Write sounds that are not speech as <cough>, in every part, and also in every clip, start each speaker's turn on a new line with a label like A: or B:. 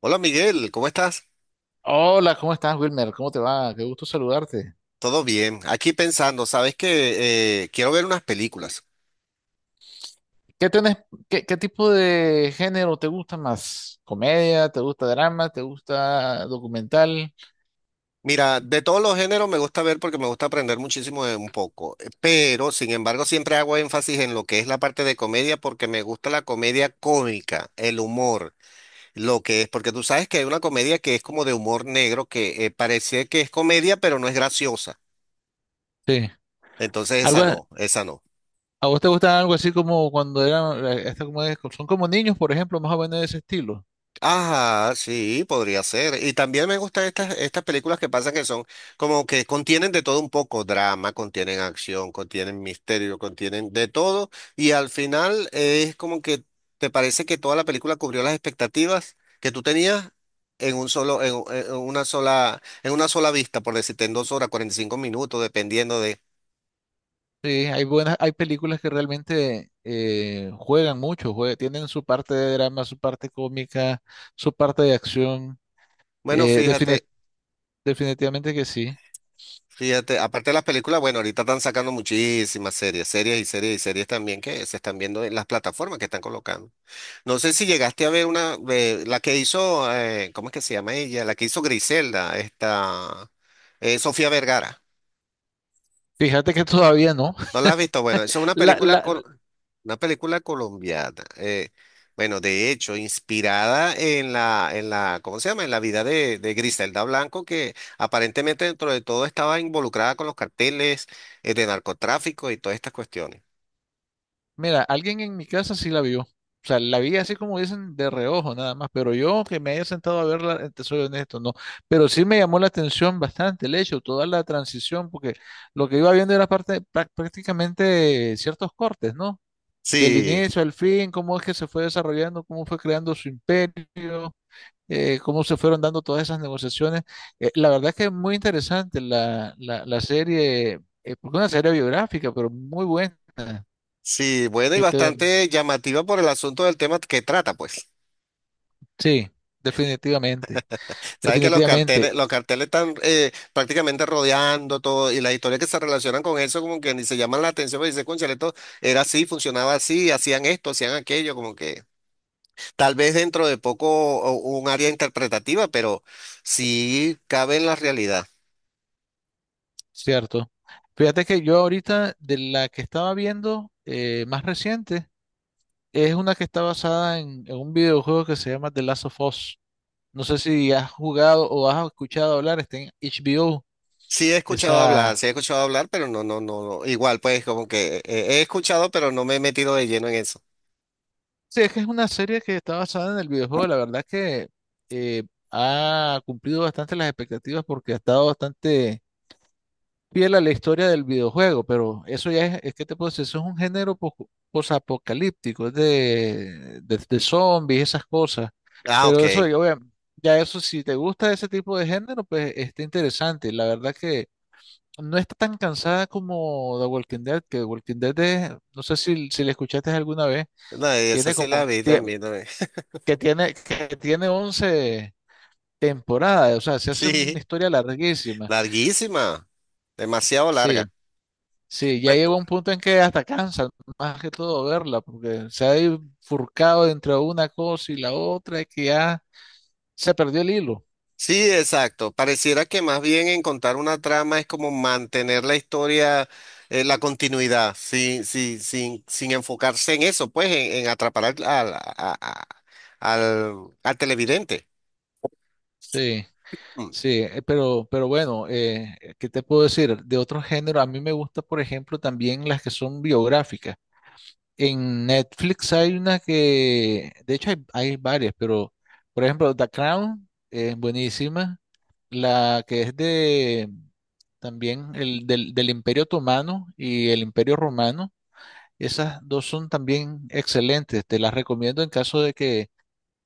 A: Hola Miguel, ¿cómo estás?
B: Hola, ¿cómo estás, Wilmer? ¿Cómo te va? Qué gusto saludarte.
A: Todo bien. Aquí pensando, sabes que quiero ver unas películas.
B: ¿Qué tenés, qué tipo de género te gusta más? ¿Comedia? ¿Te gusta drama? ¿Te gusta documental?
A: Mira, de todos los géneros me gusta ver porque me gusta aprender muchísimo de un poco, pero sin embargo siempre hago énfasis en lo que es la parte de comedia porque me gusta la comedia cómica, el humor, lo que es, porque tú sabes que hay una comedia que es como de humor negro que parece que es comedia pero no es graciosa.
B: Sí.
A: Entonces esa
B: ¿Algo, a
A: no, esa no.
B: a vos te gusta algo así como cuando eran, esta como son como niños, por ejemplo, más o menos de ese estilo?
A: Ajá, sí, podría ser. Y también me gustan estas películas que pasan que son como que contienen de todo un poco, drama, contienen acción, contienen misterio, contienen de todo. Y al final es como que te parece que toda la película cubrió las expectativas que tú tenías en un solo, en una sola vista, por decirte, en dos horas, 45 minutos, dependiendo de.
B: Sí, hay buenas, hay películas que realmente juegan mucho, tienen su parte de drama, su parte cómica, su parte de acción.
A: Bueno,
B: Eh, defini-
A: fíjate.
B: Definitivamente que sí.
A: Fíjate, aparte de las películas, bueno, ahorita están sacando muchísimas series, series y series y series también que se están viendo en las plataformas que están colocando. No sé si llegaste a ver una, la que hizo, ¿cómo es que se llama ella? La que hizo Griselda, esta, Sofía Vergara.
B: Fíjate que todavía no.
A: No
B: <laughs>
A: la has visto. Bueno, eso es una
B: La
A: película,
B: la
A: una película colombiana. Bueno, de hecho, inspirada en la, ¿cómo se llama? En la vida de Griselda Blanco, que aparentemente dentro de todo estaba involucrada con los carteles, de narcotráfico y todas estas cuestiones.
B: Mira, alguien en mi casa sí la vio. O sea, la vi así como dicen de reojo nada más, pero yo que me haya sentado a verla, te soy honesto, no. Pero sí me llamó la atención bastante el hecho, toda la transición, porque lo que iba viendo era parte, prácticamente ciertos cortes, ¿no? Del
A: Sí,
B: inicio al fin, cómo es que se fue desarrollando, cómo fue creando su imperio, cómo se fueron dando todas esas negociaciones. La verdad es que es muy interesante la serie, porque es una serie biográfica, pero muy buena
A: sí, bueno, y
B: que te,
A: bastante llamativa por el asunto del tema que trata, pues.
B: Sí, definitivamente,
A: Sabes que
B: definitivamente,
A: los carteles están prácticamente rodeando todo y las historias que se relacionan con eso como que ni se llaman la atención, pero dice, cónchale, esto era así, funcionaba así, hacían esto, hacían aquello, como que tal vez dentro de poco o- un área interpretativa, pero sí cabe en la realidad.
B: cierto. Fíjate que yo ahorita de la que estaba viendo más reciente es una que está basada en un videojuego que se llama The Last of Us. No sé si has jugado o has escuchado hablar, está en HBO.
A: Sí he escuchado hablar,
B: Esa...
A: sí he escuchado hablar, pero no, no, no, no, igual pues como que he escuchado, pero no me he metido de lleno en eso.
B: Sí, es que es una serie que está basada en el videojuego. La verdad que eh, ha cumplido bastante las expectativas porque ha estado bastante fiel a la historia del videojuego, pero eso ya es que te puedo decir, eso es un género posapocalíptico, es de, de zombies, esas cosas.
A: Ah, ok.
B: Pero eso, yo, vea, ya eso, si te gusta ese tipo de género, pues está interesante. La verdad que no está tan cansada como The Walking Dead, que The Walking Dead es, no sé si, si la escuchaste alguna vez,
A: No, esa
B: tiene
A: sí la
B: como,
A: vi también. También. <laughs>
B: que tiene 11 temporadas, o sea, se hace una
A: Sí,
B: historia larguísima.
A: larguísima, demasiado larga.
B: Sí. Sí, ya llegó un punto en que hasta cansa, más que todo verla, porque se ha bifurcado entre una cosa y la otra, y que ya se perdió el hilo.
A: Sí, exacto. Pareciera que más bien en contar una trama es como mantener la historia, la continuidad, sin, sí, sin, sin enfocarse en eso, pues en atrapar a- al- al televidente.
B: Sí,
A: Mm.
B: sí, pero bueno, ¿qué te puedo decir? De otro género, a mí me gusta, por ejemplo, también las que son biográficas. En Netflix hay una que, de hecho hay, hay varias, pero por ejemplo The Crown es buenísima, la que es de también el del Imperio Otomano y el Imperio Romano, esas dos son también excelentes, te las recomiendo en caso de que,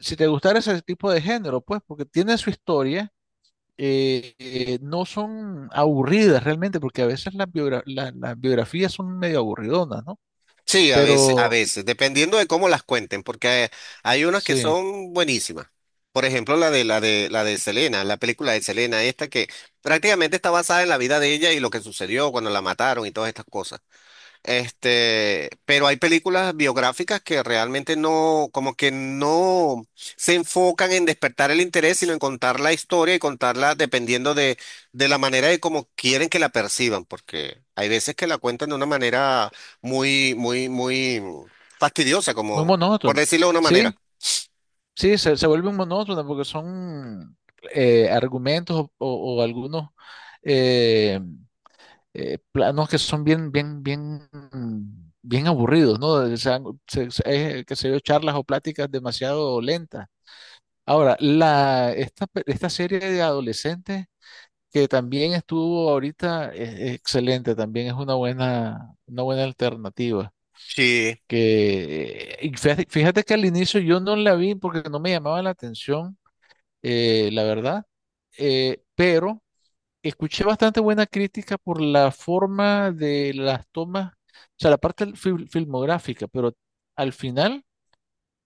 B: si te gustara ese tipo de género, pues porque tiene su historia, no son aburridas realmente, porque a veces las, las biografías son medio aburridonas, ¿no?
A: Sí, a
B: Pero
A: veces, dependiendo de cómo las cuenten, porque hay unas que
B: sí.
A: son buenísimas. Por ejemplo, la de Selena, la película de Selena, esta que prácticamente está basada en la vida de ella y lo que sucedió cuando la mataron y todas estas cosas. Este, pero hay películas biográficas que realmente no, como que no se enfocan en despertar el interés, sino en contar la historia y contarla dependiendo de la manera de cómo quieren que la perciban, porque hay veces que la cuentan de una manera muy, muy, muy fastidiosa,
B: Muy
A: como por
B: monótona.
A: decirlo de una
B: Sí,
A: manera.
B: sí, se vuelve monótona porque son argumentos o, o algunos eh, planos que son bien aburridos, ¿no? O sea, que se dio charlas o pláticas demasiado lentas. Ahora, esta serie de adolescentes que también estuvo ahorita es excelente, también es una buena alternativa
A: Sí,
B: que fíjate que al inicio yo no la vi porque no me llamaba la atención, la verdad, pero escuché bastante buena crítica por la forma de las tomas, o sea, la parte filmográfica, pero al final,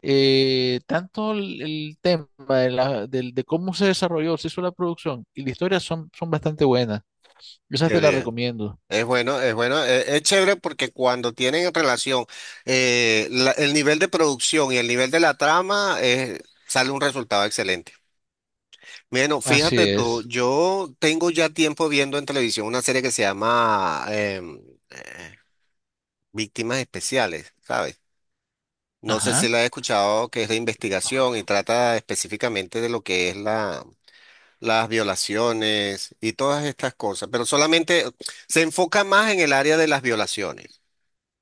B: tanto el tema de, de cómo se desarrolló, se hizo la producción y la historia son, son bastante buenas. Esa
A: qué
B: te la
A: bien.
B: recomiendo.
A: Es bueno, es bueno, es, chévere porque cuando tienen en relación el nivel de producción y el nivel de la trama, sale un resultado excelente. Bueno,
B: Así
A: fíjate tú,
B: es.
A: yo tengo ya tiempo viendo en televisión una serie que se llama eh, Víctimas Especiales, ¿sabes? No sé si
B: Ajá.
A: la he escuchado, que es de investigación y trata específicamente de lo que es la, las violaciones y todas estas cosas, pero solamente se enfoca más en el área de las violaciones.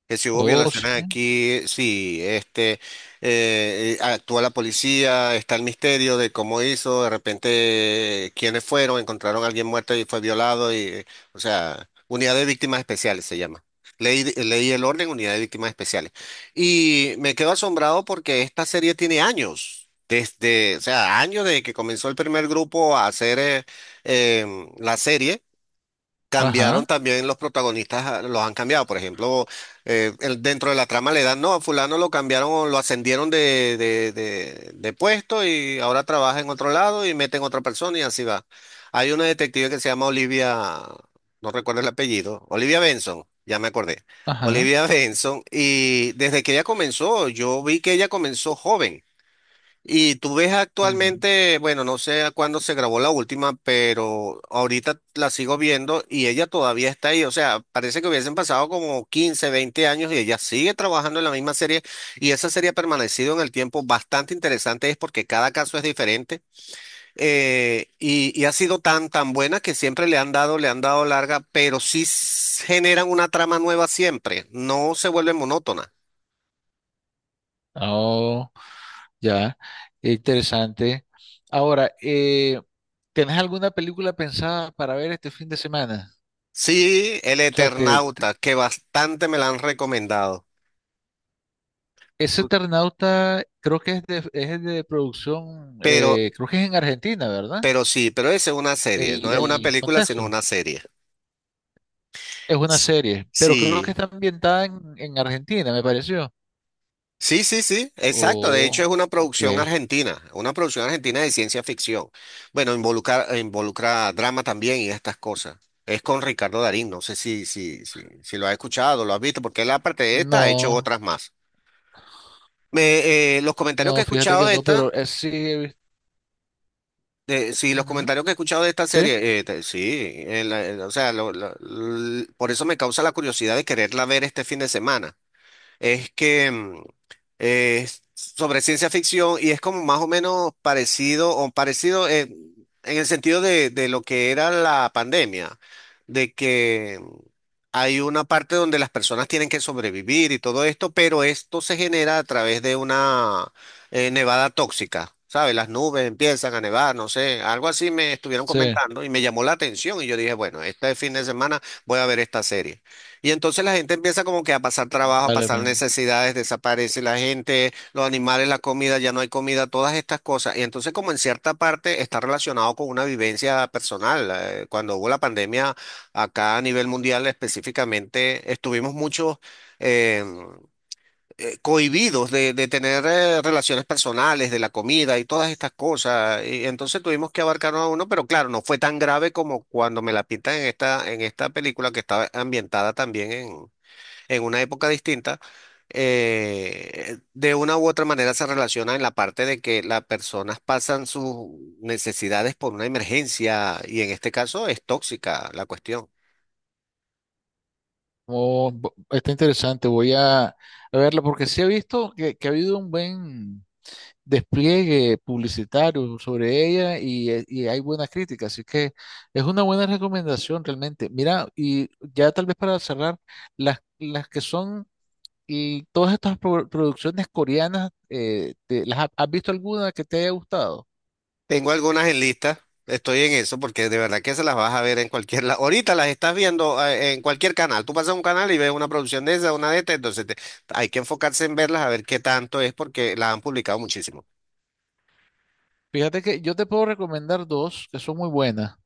A: Que si hubo
B: Oh, sí.
A: violaciones aquí, sí, este, actúa la policía, está el misterio de cómo hizo, de repente quiénes fueron, encontraron a alguien muerto y fue violado, y, o sea, unidad de víctimas especiales se llama. Ley, ley y el orden, unidad de víctimas especiales. Y me quedo asombrado porque esta serie tiene años, desde, o sea, años desde que comenzó el primer grupo a hacer la serie
B: Ajá.
A: cambiaron también los protagonistas, ah, los han cambiado. Por ejemplo, dentro de la trama le dan, no, a fulano lo cambiaron o lo ascendieron de, de puesto y ahora trabaja en otro lado y meten otra persona y así va. Hay una detective que se llama Olivia, no recuerdo el apellido, Olivia Benson, ya me acordé.
B: Ajá.
A: Olivia <laughs> Benson, y desde que ella comenzó, yo vi que ella comenzó joven. Y tú ves actualmente, bueno, no sé a cuándo se grabó la última, pero ahorita la sigo viendo y ella todavía está ahí. O sea, parece que hubiesen pasado como 15, 20 años y ella sigue trabajando en la misma serie y esa serie ha permanecido en el tiempo. Bastante interesante es porque cada caso es diferente y ha sido tan, tan buena que siempre le han dado larga, pero sí generan una trama nueva siempre, no se vuelve monótona.
B: Oh, ya, qué interesante. Ahora, ¿tenés alguna película pensada para ver este fin de semana?
A: Sí, El
B: O sea,
A: Eternauta, que bastante me la han recomendado.
B: ese Eternauta creo que es de producción,
A: Pero,
B: creo que es en Argentina, ¿verdad?
A: pero sí, pero es una serie, no es una
B: El
A: película, sino
B: contexto.
A: una serie.
B: Es una
A: S-
B: serie, pero creo que
A: Sí,
B: está ambientada en Argentina, me pareció.
A: Sí, sí, sí, exacto. De hecho, es
B: Oh, ok.
A: una producción argentina de ciencia ficción. Bueno, involucra, involucra drama también y estas cosas. Es con Ricardo Darín, no sé si lo has escuchado, lo has visto, porque él aparte de esta ha hecho
B: No,
A: otras más. Los comentarios que he
B: no, fíjate
A: escuchado
B: que
A: de
B: no,
A: esta.
B: pero sí,
A: Sí, los
B: ujú,
A: comentarios que he escuchado de esta
B: sí,
A: serie, sí, o sea, por eso me causa la curiosidad de quererla ver este fin de semana es que mm, es sobre ciencia ficción y es como más o menos parecido o parecido en el sentido de lo que era la pandemia, de que mm, hay una parte donde las personas tienen que sobrevivir y todo esto, pero esto se genera a través de una nevada tóxica. ¿Sabes? Las nubes empiezan a nevar, no sé, algo así me estuvieron
B: sí,
A: comentando y me llamó la atención y yo dije, bueno, este fin de semana voy a ver esta serie. Y entonces la gente empieza como que a pasar trabajo, a
B: vale la
A: pasar
B: pena.
A: necesidades, desaparece la gente, los animales, la comida, ya no hay comida, todas estas cosas. Y entonces como en cierta parte está relacionado con una vivencia personal. Cuando hubo la pandemia acá a nivel mundial específicamente, estuvimos muchos eh, cohibidos de tener relaciones personales, de la comida y todas estas cosas. Y entonces tuvimos que abarcarnos a uno, pero claro, no fue tan grave como cuando me la pintan en esta película que estaba ambientada también en una época distinta, de una u otra manera se relaciona en la parte de que las personas pasan sus necesidades por una emergencia y en este caso es tóxica la cuestión.
B: Oh, bo- está interesante, voy a verla porque sí he visto que ha habido un buen despliegue publicitario sobre ella y hay buenas críticas, así que es una buena recomendación realmente. Mira, y ya tal vez para cerrar, las que son y todas estas producciones coreanas, has visto alguna que te haya gustado?
A: Tengo algunas en lista, estoy en eso porque de verdad que se las vas a ver en cualquier lado. Ahorita las estás viendo en cualquier canal. Tú pasas a un canal y ves una producción de esa, una de esta, entonces hay que enfocarse en verlas a ver qué tanto es porque las han publicado muchísimo.
B: Fíjate que yo te puedo recomendar dos que son muy buenas.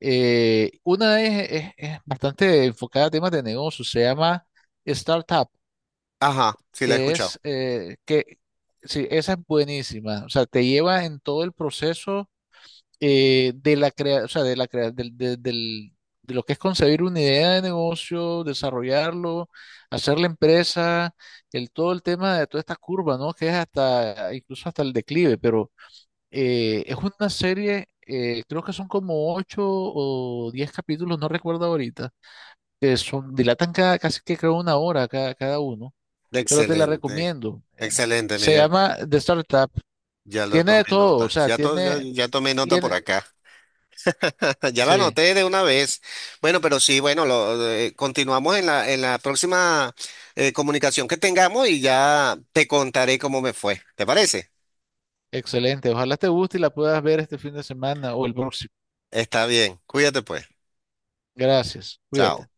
B: Una es, es bastante enfocada a temas de negocio, se llama Startup,
A: Ajá, sí, la he
B: que
A: escuchado.
B: es que sí, esa es buenísima, o sea, te lleva en todo el proceso de la crea, o sea, de la crea- del, del- del- de lo que es concebir una idea de negocio, desarrollarlo, hacer la empresa, el todo el tema de toda esta curva, ¿no? Que es hasta incluso hasta el declive, pero es una serie, creo que son como 8 o 10 capítulos, no recuerdo ahorita, que son, dilatan cada, casi que creo una hora cada, cada uno, pero te la
A: Excelente,
B: recomiendo.
A: excelente,
B: Se
A: Miguel.
B: llama The Startup.
A: Ya lo
B: Tiene de
A: tomé
B: todo, o
A: nota.
B: sea,
A: Ya, ya,
B: tiene,
A: ya tomé nota por
B: tiene,
A: acá. <laughs> Ya la
B: sí,
A: anoté de una vez. Bueno, pero sí, bueno, lo, continuamos en la próxima comunicación que tengamos y ya te contaré cómo me fue. ¿Te parece?
B: excelente. Ojalá te guste y la puedas ver este fin de semana o el próximo.
A: Está bien. Cuídate pues.
B: Gracias,
A: Chao.
B: cuídate.